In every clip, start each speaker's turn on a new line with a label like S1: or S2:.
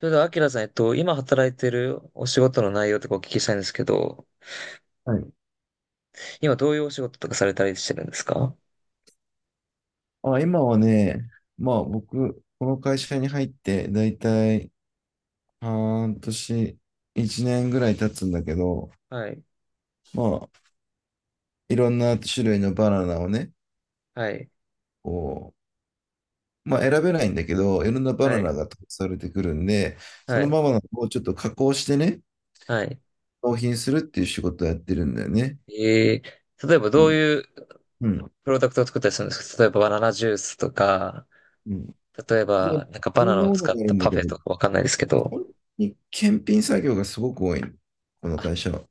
S1: それでは、アキラさん、今働いてるお仕事の内容とかお聞きしたいんですけど、
S2: はい。
S1: 今どういうお仕事とかされたりしてるんですか？
S2: あ、今はね、まあ僕、この会社に入ってだいたい半年、1年ぐらい経つんだけど、
S1: はい、
S2: まあいろんな種類のバナナをね、
S1: はい、
S2: こう、まあ選べないんだけど、いろんなバ
S1: は
S2: ナ
S1: い、
S2: ナが投されてくるんで、
S1: は
S2: その
S1: い、
S2: バナナをちょっと加工してね、
S1: はい。
S2: 納品するっていう仕事をやってるんだよね。
S1: えー、例えば
S2: う
S1: どう
S2: ん。
S1: いう
S2: うん。
S1: プロダクトを作ったりするんですか？例えばバナナジュースとか、
S2: うん。
S1: 例え
S2: で、い
S1: ばなんかバ
S2: ろ
S1: ナ
S2: ん
S1: ナ
S2: な
S1: を
S2: もの
S1: 使
S2: が
S1: っ
S2: ある
S1: た
S2: んだ
S1: パ
S2: け
S1: フェ
S2: ど、
S1: とかわかんないですけど。
S2: 本当に検品作業がすごく多いのこの
S1: あ、
S2: 会社は。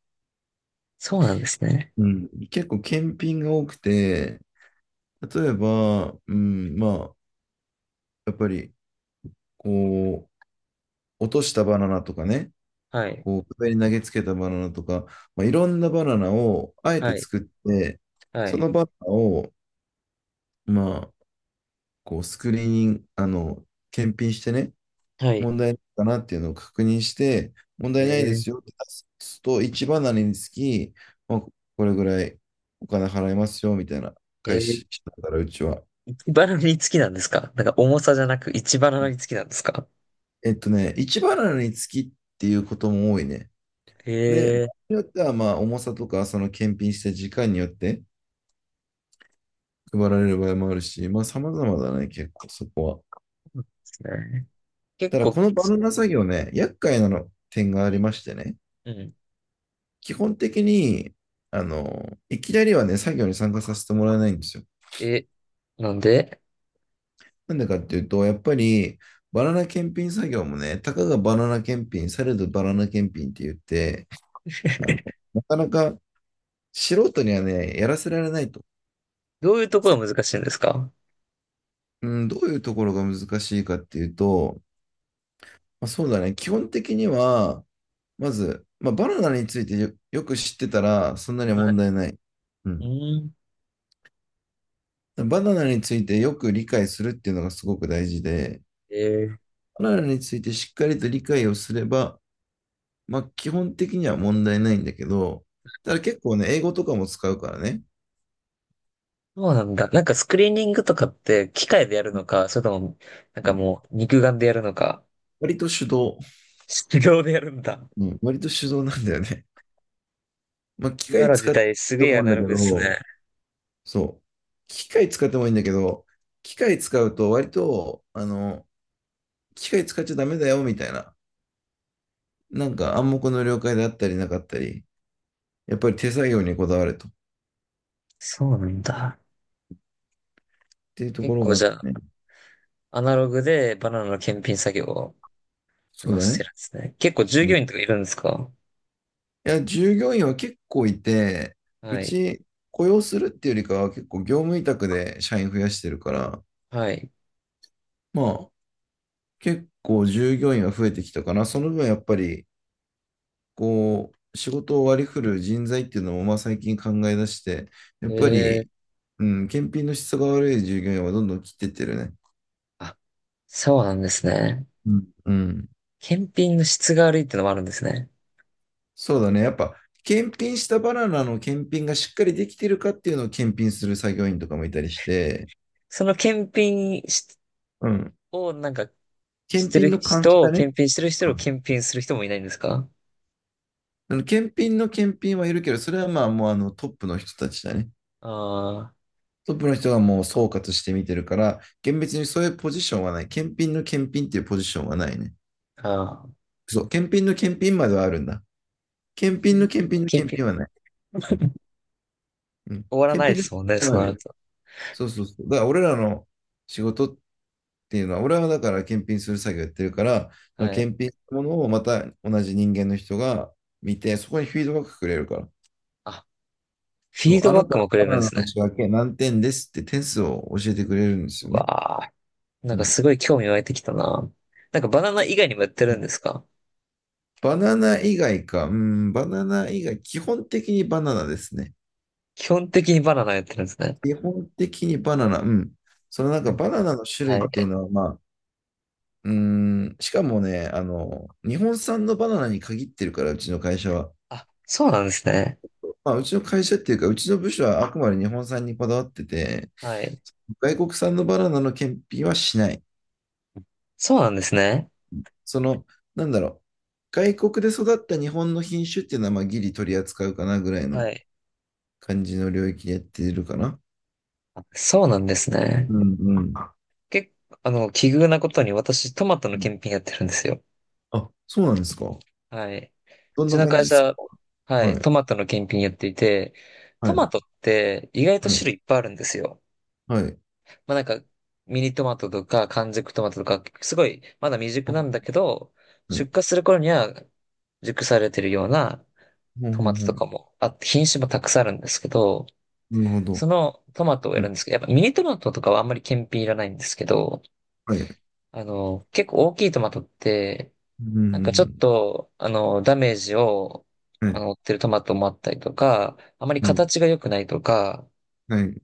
S1: そうなんですね。
S2: うん、結構検品が多くて、例えば、うん、まあ、やっぱり、こう、落としたバナナとかね、
S1: はい、
S2: こう、壁に投げつけたバナナとか、まあ、いろんなバナナをあえて
S1: はい、
S2: 作って、
S1: は
S2: そ
S1: い、
S2: のバナナを、まあ、こう、スクリーニング、検品してね、
S1: はい。
S2: 問題ないかなっていうのを確認して、問
S1: え
S2: 題ないで
S1: ー、
S2: すよって出すと、1バナナにつき、まあ、これぐらいお金払いますよ、みたいな、
S1: え
S2: 開
S1: ー、
S2: 始したから、うちは。
S1: いちバナナにつきなんですか？なんか重さじゃなく1バナナにつきなんですか？
S2: 一バナナにつきっていうことも多いね。
S1: え
S2: で、場
S1: ー、
S2: 合によっては、まあ、重さとか、その検品した時間によって配られる場合もあるし、まあ、様々だね、結構そこは。
S1: そうなんですね。結
S2: ただ、こ
S1: 構、
S2: のバナナ作業ね、厄介なの点があ
S1: うん。
S2: りましてね、基本的に、いきなりはね、作業に参加させてもらえないんですよ。
S1: え、なんで？
S2: なんでかっていうと、やっぱり、バナナ検品作業もね、たかがバナナ検品、されどバナナ検品って言って、あの、なかなか素人にはね、やらせられないと。
S1: どういうところが難しいんですか？
S2: うん、どういうところが難しいかっていうと、まあ、そうだね、基本的には、まず、まあ、バナナについてよく知ってたら、そんなに
S1: は
S2: 問
S1: い。
S2: 題ない。う
S1: う
S2: ん。
S1: ん。
S2: バナナについてよく理解するっていうのがすごく大事で、
S1: えー、
S2: バナナについてしっかりと理解をすれば、まあ、基本的には問題ないんだけど、ただ結構ね、英語とかも使うからね、
S1: そうなんだ。なんかスクリーニングとかって機械でやるのか、それとも、なん
S2: う
S1: か
S2: ん、
S1: もう肉眼でやるのか、
S2: 割と手動、
S1: 手動でやるんだ。
S2: うん、割と手動なんだよね。まあ、機
S1: 今
S2: 械
S1: の
S2: 使
S1: 時
S2: ってい
S1: 代
S2: い
S1: す
S2: と
S1: げえ
S2: 思
S1: ア
S2: うん
S1: ナ
S2: だ
S1: ロ
S2: け
S1: グですね。
S2: ど、そう。機械使ってもいいんだけど、機械使うと割と、機械使っちゃダメだよみたいな、なんか暗黙の了解であったりなかったり、やっぱり手作業にこだわると。っ
S1: そうなんだ。
S2: ていうとこ
S1: 結
S2: ろ
S1: 構
S2: があっ
S1: じゃ
S2: てね。
S1: あ、アナログでバナナの検品作業を
S2: そう
S1: 今
S2: だ
S1: して
S2: ね。
S1: るんですね。結構従
S2: う
S1: 業
S2: ん。
S1: 員とかいるんですか？
S2: いや、従業員は結構いて、う
S1: はい。
S2: ち雇用するっていうよりかは結構業務委託で社員増やしてるから、
S1: はい。
S2: まあ結構従業員は増えてきたかな。その分やっぱりこう、仕事を割り振る人材っていうのも、まあ、最近考え出して、やっ
S1: え
S2: ぱ
S1: ー、
S2: り、うん、検品の質が悪い従業員はどんどん切ってってるね。
S1: あ、そうなんですね。
S2: うん。うん。
S1: 検品の質が悪いってのもあるんですね。
S2: そうだね。やっぱ、検品したバナナの検品がしっかりできてるかっていうのを検品する作業員とかもいたりして、
S1: その検品し
S2: うん。
S1: をなんかし
S2: 検
S1: て
S2: 品
S1: る
S2: の監視
S1: 人を、
S2: だね。
S1: 検品してる人
S2: う
S1: を検
S2: ん。
S1: 品する人もいないんですか？
S2: あの検品の検品はいるけど、それはまあもうあのトップの人たちだね。
S1: ああ
S2: トップの人がもう総括して見てるから、厳密にそういうポジションはない。検品の検品っていうポジションはないね。
S1: ー、あー
S2: そう、検品の検品まではあるんだ。検品の
S1: 検
S2: 検
S1: 品だ、
S2: 品の
S1: 検
S2: 検
S1: 品、
S2: 品はない。うん。うん、
S1: 終わらない
S2: 検
S1: で
S2: 品の
S1: す
S2: 検
S1: もんね、
S2: 品は
S1: そ
S2: あ
S1: う
S2: る
S1: なる
S2: よ。
S1: と。
S2: そうそうそう。だから俺らの仕事っていうのは、俺はだから検品する作業やってるから、その
S1: はい。
S2: 検品したものをまた同じ人間の人が見て、そこにフィードバックくれるから。
S1: あ、フ
S2: そ
S1: ィ
S2: う、
S1: ード
S2: あ
S1: バ
S2: な
S1: ッ
S2: た、
S1: クもくれる
S2: バ
S1: んで
S2: ナ
S1: す
S2: ナの
S1: ね。
S2: 仕分け何点ですって点数を教えてくれるんです
S1: う
S2: よね。
S1: わあ、なん
S2: う
S1: か
S2: ん。
S1: すごい興味湧いてきたな。なんかバナナ以外にもやってるんですか？
S2: バナナ以外か、うん、バナナ以外、基本的にバナナですね。
S1: 基本的にバナナやってるんですね。
S2: 基本的にバナナ、うん。そのなん
S1: う
S2: か
S1: ん。
S2: バナナの種類
S1: は
S2: っていう
S1: い。
S2: のは、まあ、うーん、しかもね、日本産のバナナに限ってるから、うちの会社は。
S1: あ、そうなんですね。
S2: まあ、うちの会社っていうか、うちの部署はあくまで日本産にこだわってて、
S1: はい。
S2: 外国産のバナナの検品はしない。
S1: そうなんですね。
S2: その、なんだろう。外国で育った日本の品種っていうのは、まあ、ギリ取り扱うかなぐらい
S1: は
S2: の
S1: い。
S2: 感じの領域でやってるかな。
S1: あ、そうなんですね。
S2: うん。うん。
S1: 結構、あの、奇遇なことに私、トマトの検品やってるんですよ。
S2: あ、そうなんですか。
S1: はい。う
S2: どん
S1: ち
S2: な
S1: の
S2: 感じ
S1: 会
S2: ですか？
S1: 社、は
S2: は
S1: い、
S2: い。
S1: トマトの検品やっていて、
S2: は
S1: ト
S2: い。
S1: マトって意外と
S2: は
S1: 種
S2: い。
S1: 類いっぱいあるんですよ。
S2: はい。
S1: まあなんか、ミニトマトとか完熟トマトとか、すごい、まだ未熟
S2: はい。
S1: なんだけど、
S2: はい
S1: 出荷する頃には熟されてるような
S2: ほう
S1: ト
S2: ほ
S1: マ
S2: う
S1: ト
S2: ほ
S1: とか
S2: う。
S1: もあって、品種もたくさんあるんですけど、
S2: なるほど。
S1: そのトマトをや
S2: う
S1: る
S2: ん。
S1: んですけど、やっぱミニトマトとかはあんまり検品いらないんですけど、
S2: はい。
S1: あの、結構大きいトマトって、
S2: う
S1: なんかちょっ
S2: ん。
S1: と、あの、ダメージを、
S2: は
S1: あ
S2: い。
S1: の、負ってるトマトもあったりとか、あまり
S2: うん。
S1: 形が良くないとか、
S2: はい。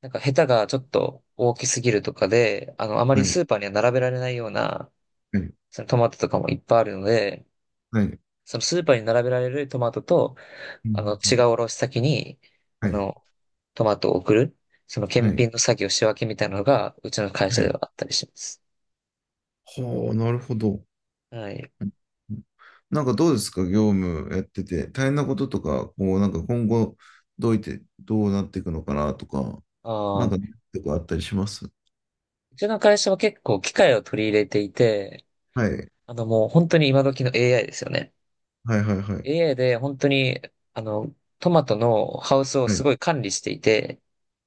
S1: なんかヘタがちょっと大きすぎるとかで、あの、あま
S2: は
S1: り
S2: い。
S1: スーパーには並べられないような、
S2: はい。
S1: そのトマトとかもいっぱいあるので、
S2: はい。
S1: そのスーパーに並べられるトマトと、
S2: う
S1: あの、
S2: ん。
S1: 違う卸先に、
S2: は
S1: あ
S2: い。
S1: の、トマトを送る、その
S2: は
S1: 検
S2: い。
S1: 品の作業仕分けみたいなのが、うちの会社
S2: は
S1: で
S2: い。
S1: はあったりします。
S2: はあ、なるほど。
S1: はい。
S2: うん。なんかどうですか、業務やってて、大変なこととか、こう、なんか今後、どういって、どうなっていくのかなとか、
S1: あ
S2: な
S1: あ、
S2: んか、
S1: う
S2: とかあったりします。
S1: ちの会社は結構機械を取り入れていて、
S2: はい。
S1: あのもう本当に今時の AI ですよね。
S2: はいはいはい。
S1: AI で本当に、あの、トマトのハウスを
S2: は
S1: す
S2: い。
S1: ごい管理していて、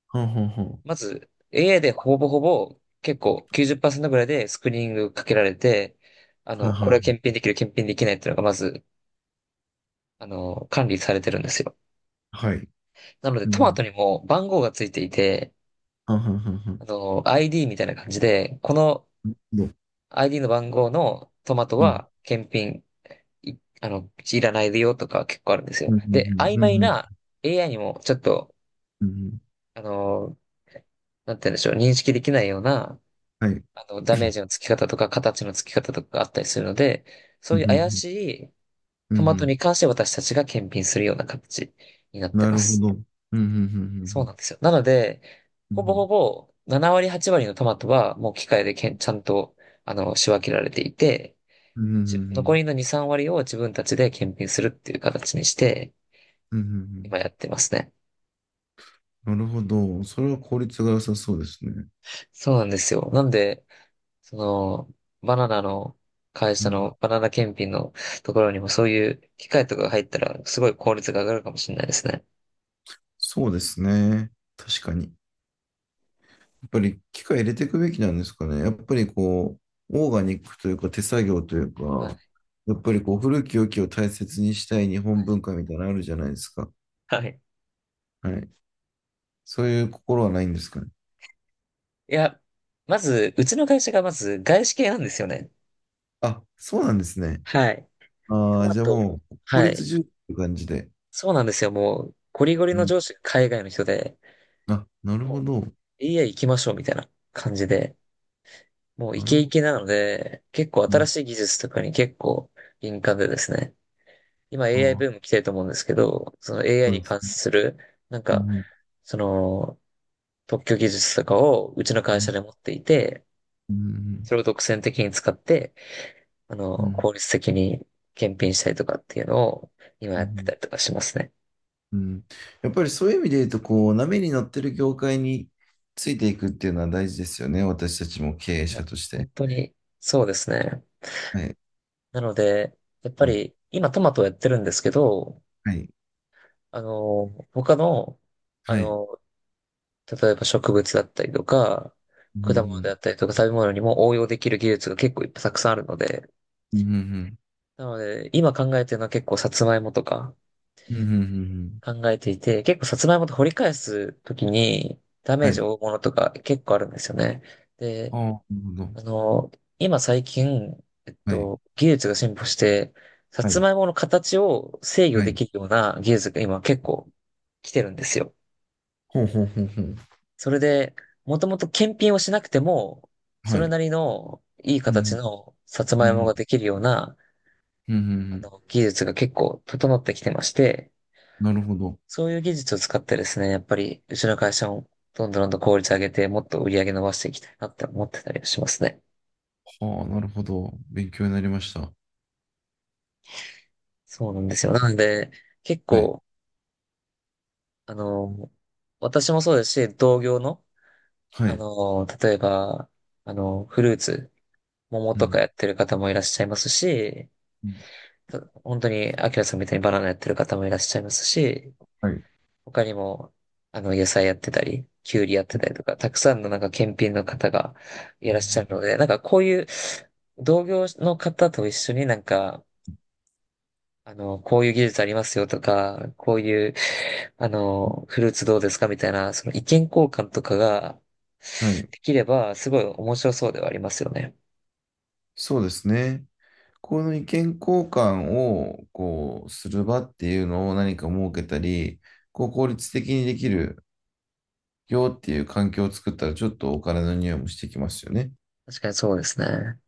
S2: はんはあはあ。
S1: まず AI でほぼほぼ結構90%ぐらいでスクリーニングかけられて、あ
S2: はい
S1: の、
S2: は
S1: こ
S2: い
S1: れ
S2: は
S1: は検
S2: い。
S1: 品できる、検品できないっていうのがまず、あの、管理されてるんですよ。
S2: はい。
S1: なので
S2: う
S1: トマ
S2: ん。
S1: トにも番号がついていて、
S2: はんはあはんは
S1: あ
S2: ん。
S1: の、ID みたいな感じで、この
S2: なるほど。
S1: ID の番号のトマトは検品、いあの、いらないでよとか結構あるんですよ。
S2: うん
S1: で、曖
S2: うん
S1: 昧
S2: うん
S1: な AI にもちょっと、
S2: うんうんうん
S1: あの、なんて言うんでしょう、認識できないような、
S2: はい。
S1: あの、ダメージの付き方とか、形の付き方とかがあったりするので、
S2: う
S1: そ
S2: ん
S1: ういう
S2: う
S1: 怪
S2: ん
S1: しい
S2: うんう
S1: トマトに
S2: ん。
S1: 関して私たちが検品するような形になって
S2: な
S1: ま
S2: るほ
S1: す。
S2: ど。うんうんう
S1: そう
S2: ん
S1: なんですよ。なので、
S2: う
S1: ほぼほ
S2: ん
S1: ぼ7割、8割のトマトはもう機械でけん、ちゃんと、あの、仕分けられていて、
S2: うんう
S1: じ
S2: んう
S1: 残
S2: ん
S1: りの2、3割を自分たちで検品するっていう形にして、
S2: うんう
S1: 今
S2: ん。
S1: やってますね。
S2: なるほど。それは効率が良さそうですね。
S1: そうなんですよ。なんで、その、バナナの会
S2: う
S1: 社
S2: ん。
S1: のバナナ検品のところにもそういう機械とかが入ったら、すごい効率が上がるかもしれないですね。
S2: そうですね。確かに。やっぱり機械入れていくべきなんですかね。やっぱりこう、オーガニックというか手作業というか、
S1: はい
S2: やっぱりこう、古き良きを大切にしたい日本文化みたいなのあるじゃないですか。
S1: はい。
S2: はい。そういう心はないんですかね。
S1: いや、まず、うちの会社がまず外資系なんですよね。
S2: あ、そうなんですね。
S1: はい。
S2: あ
S1: ト
S2: あ、
S1: マ
S2: じゃあ
S1: ト。
S2: もう、効
S1: は
S2: 率
S1: い。
S2: 重視って感じで。
S1: そうなんですよ。もう、ゴリゴリ
S2: う
S1: の
S2: ん。
S1: 上司が海外の人で、
S2: あ、なるほ
S1: も
S2: ど。
S1: う AI 行きましょうみたいな感じで、もうイ
S2: なる
S1: ケイ
S2: ほど。
S1: ケなので、結構
S2: う
S1: 新
S2: ん。
S1: しい技術とかに結構敏感でですね。今
S2: あ
S1: AI ブ
S2: あ、
S1: ーム来てると思うんですけど、その AI
S2: そう
S1: に
S2: です
S1: 関
S2: ね。
S1: する、なん
S2: う
S1: か、
S2: ん、
S1: その、特許技術とかをうちの
S2: う
S1: 会社
S2: ん、
S1: で持っていて、
S2: うん、
S1: それを独占的に使って、あ
S2: う
S1: の、
S2: ん、
S1: 効率的に検品したりとかっていうのを今
S2: う
S1: やってた
S2: ん。
S1: りとかしますね。
S2: うん。やっぱりそういう意味で言うと、こう、波に乗ってる業界についていくっていうのは大事ですよね。私たちも経営
S1: いや
S2: 者とし
S1: 本
S2: て。
S1: 当に、そうですね。
S2: はい。
S1: なので、やっぱ
S2: ね。
S1: り、今トマトをやってるんですけど、
S2: はい。
S1: あの、他の、あ
S2: はい。
S1: の、例えば植物だったりとか、
S2: う
S1: 果物であ
S2: ん、
S1: ったりとか食べ物にも応用できる技術が結構いっぱいたくさんあるので、
S2: うん、うん、
S1: なので、今考えてるのは結構さつまいもとか
S2: うん、うん、うん。うんうん。
S1: 考えていて、結構さつまいもって掘り返すときにダメー
S2: は
S1: ジ
S2: い。
S1: を負うものとか結構あるんですよね。
S2: あ
S1: で、
S2: あ、なるほど。
S1: あの、今最近、
S2: はい。
S1: 技術が進歩して、さ
S2: は
S1: つ
S2: い。
S1: まいもの形を制御
S2: は
S1: で
S2: い。
S1: きるような技術が今結構来てるんですよ。
S2: ほうほうほうほう。
S1: それで、もともと検品をしなくても、そ
S2: は
S1: れ
S2: い。
S1: なりのいい
S2: う
S1: 形
S2: ん、
S1: のさつ
S2: う
S1: まいもが
S2: ん、
S1: できるような、
S2: うん、うん。う
S1: あ
S2: ん。
S1: の、技術が結構整ってきてまして、
S2: なるほど。
S1: そういう技術を使ってですね、やっぱり、うちの会社もどんどんどんどん効率上げて、もっと売り上げ伸ばしていきたいなって思ってたりしますね。
S2: はあ、なるほど。勉強になりました。
S1: そうなんですよ。なので、結
S2: はい。
S1: 構、あの、私もそうですし、同業の、
S2: は
S1: あ
S2: い。
S1: の、例えば、あの、フルーツ、桃
S2: う
S1: とか
S2: ん。
S1: やってる方もいらっしゃいますし、
S2: うん。
S1: た本当に、アキラさんみたいにバナナやってる方もいらっしゃいますし、
S2: はい。
S1: 他にも、あの、野菜やってたり、キュウリやって
S2: う
S1: たりとか、たくさんのなんか検品の方がいらっしゃ
S2: ん。
S1: るので、なんかこういう同業の方と一緒になんか、あの、こういう技術ありますよとか、こういう、あの、フルーツどうですかみたいな、その意見交換とかが
S2: はい。
S1: できれば、すごい面白そうではありますよね。
S2: そうですね。この意見交換を、こう、する場っていうのを何か設けたり、こう、効率的にできるよっていう環境を作ったら、ちょっとお金の匂いもしてきますよね。
S1: 確かにそうですね。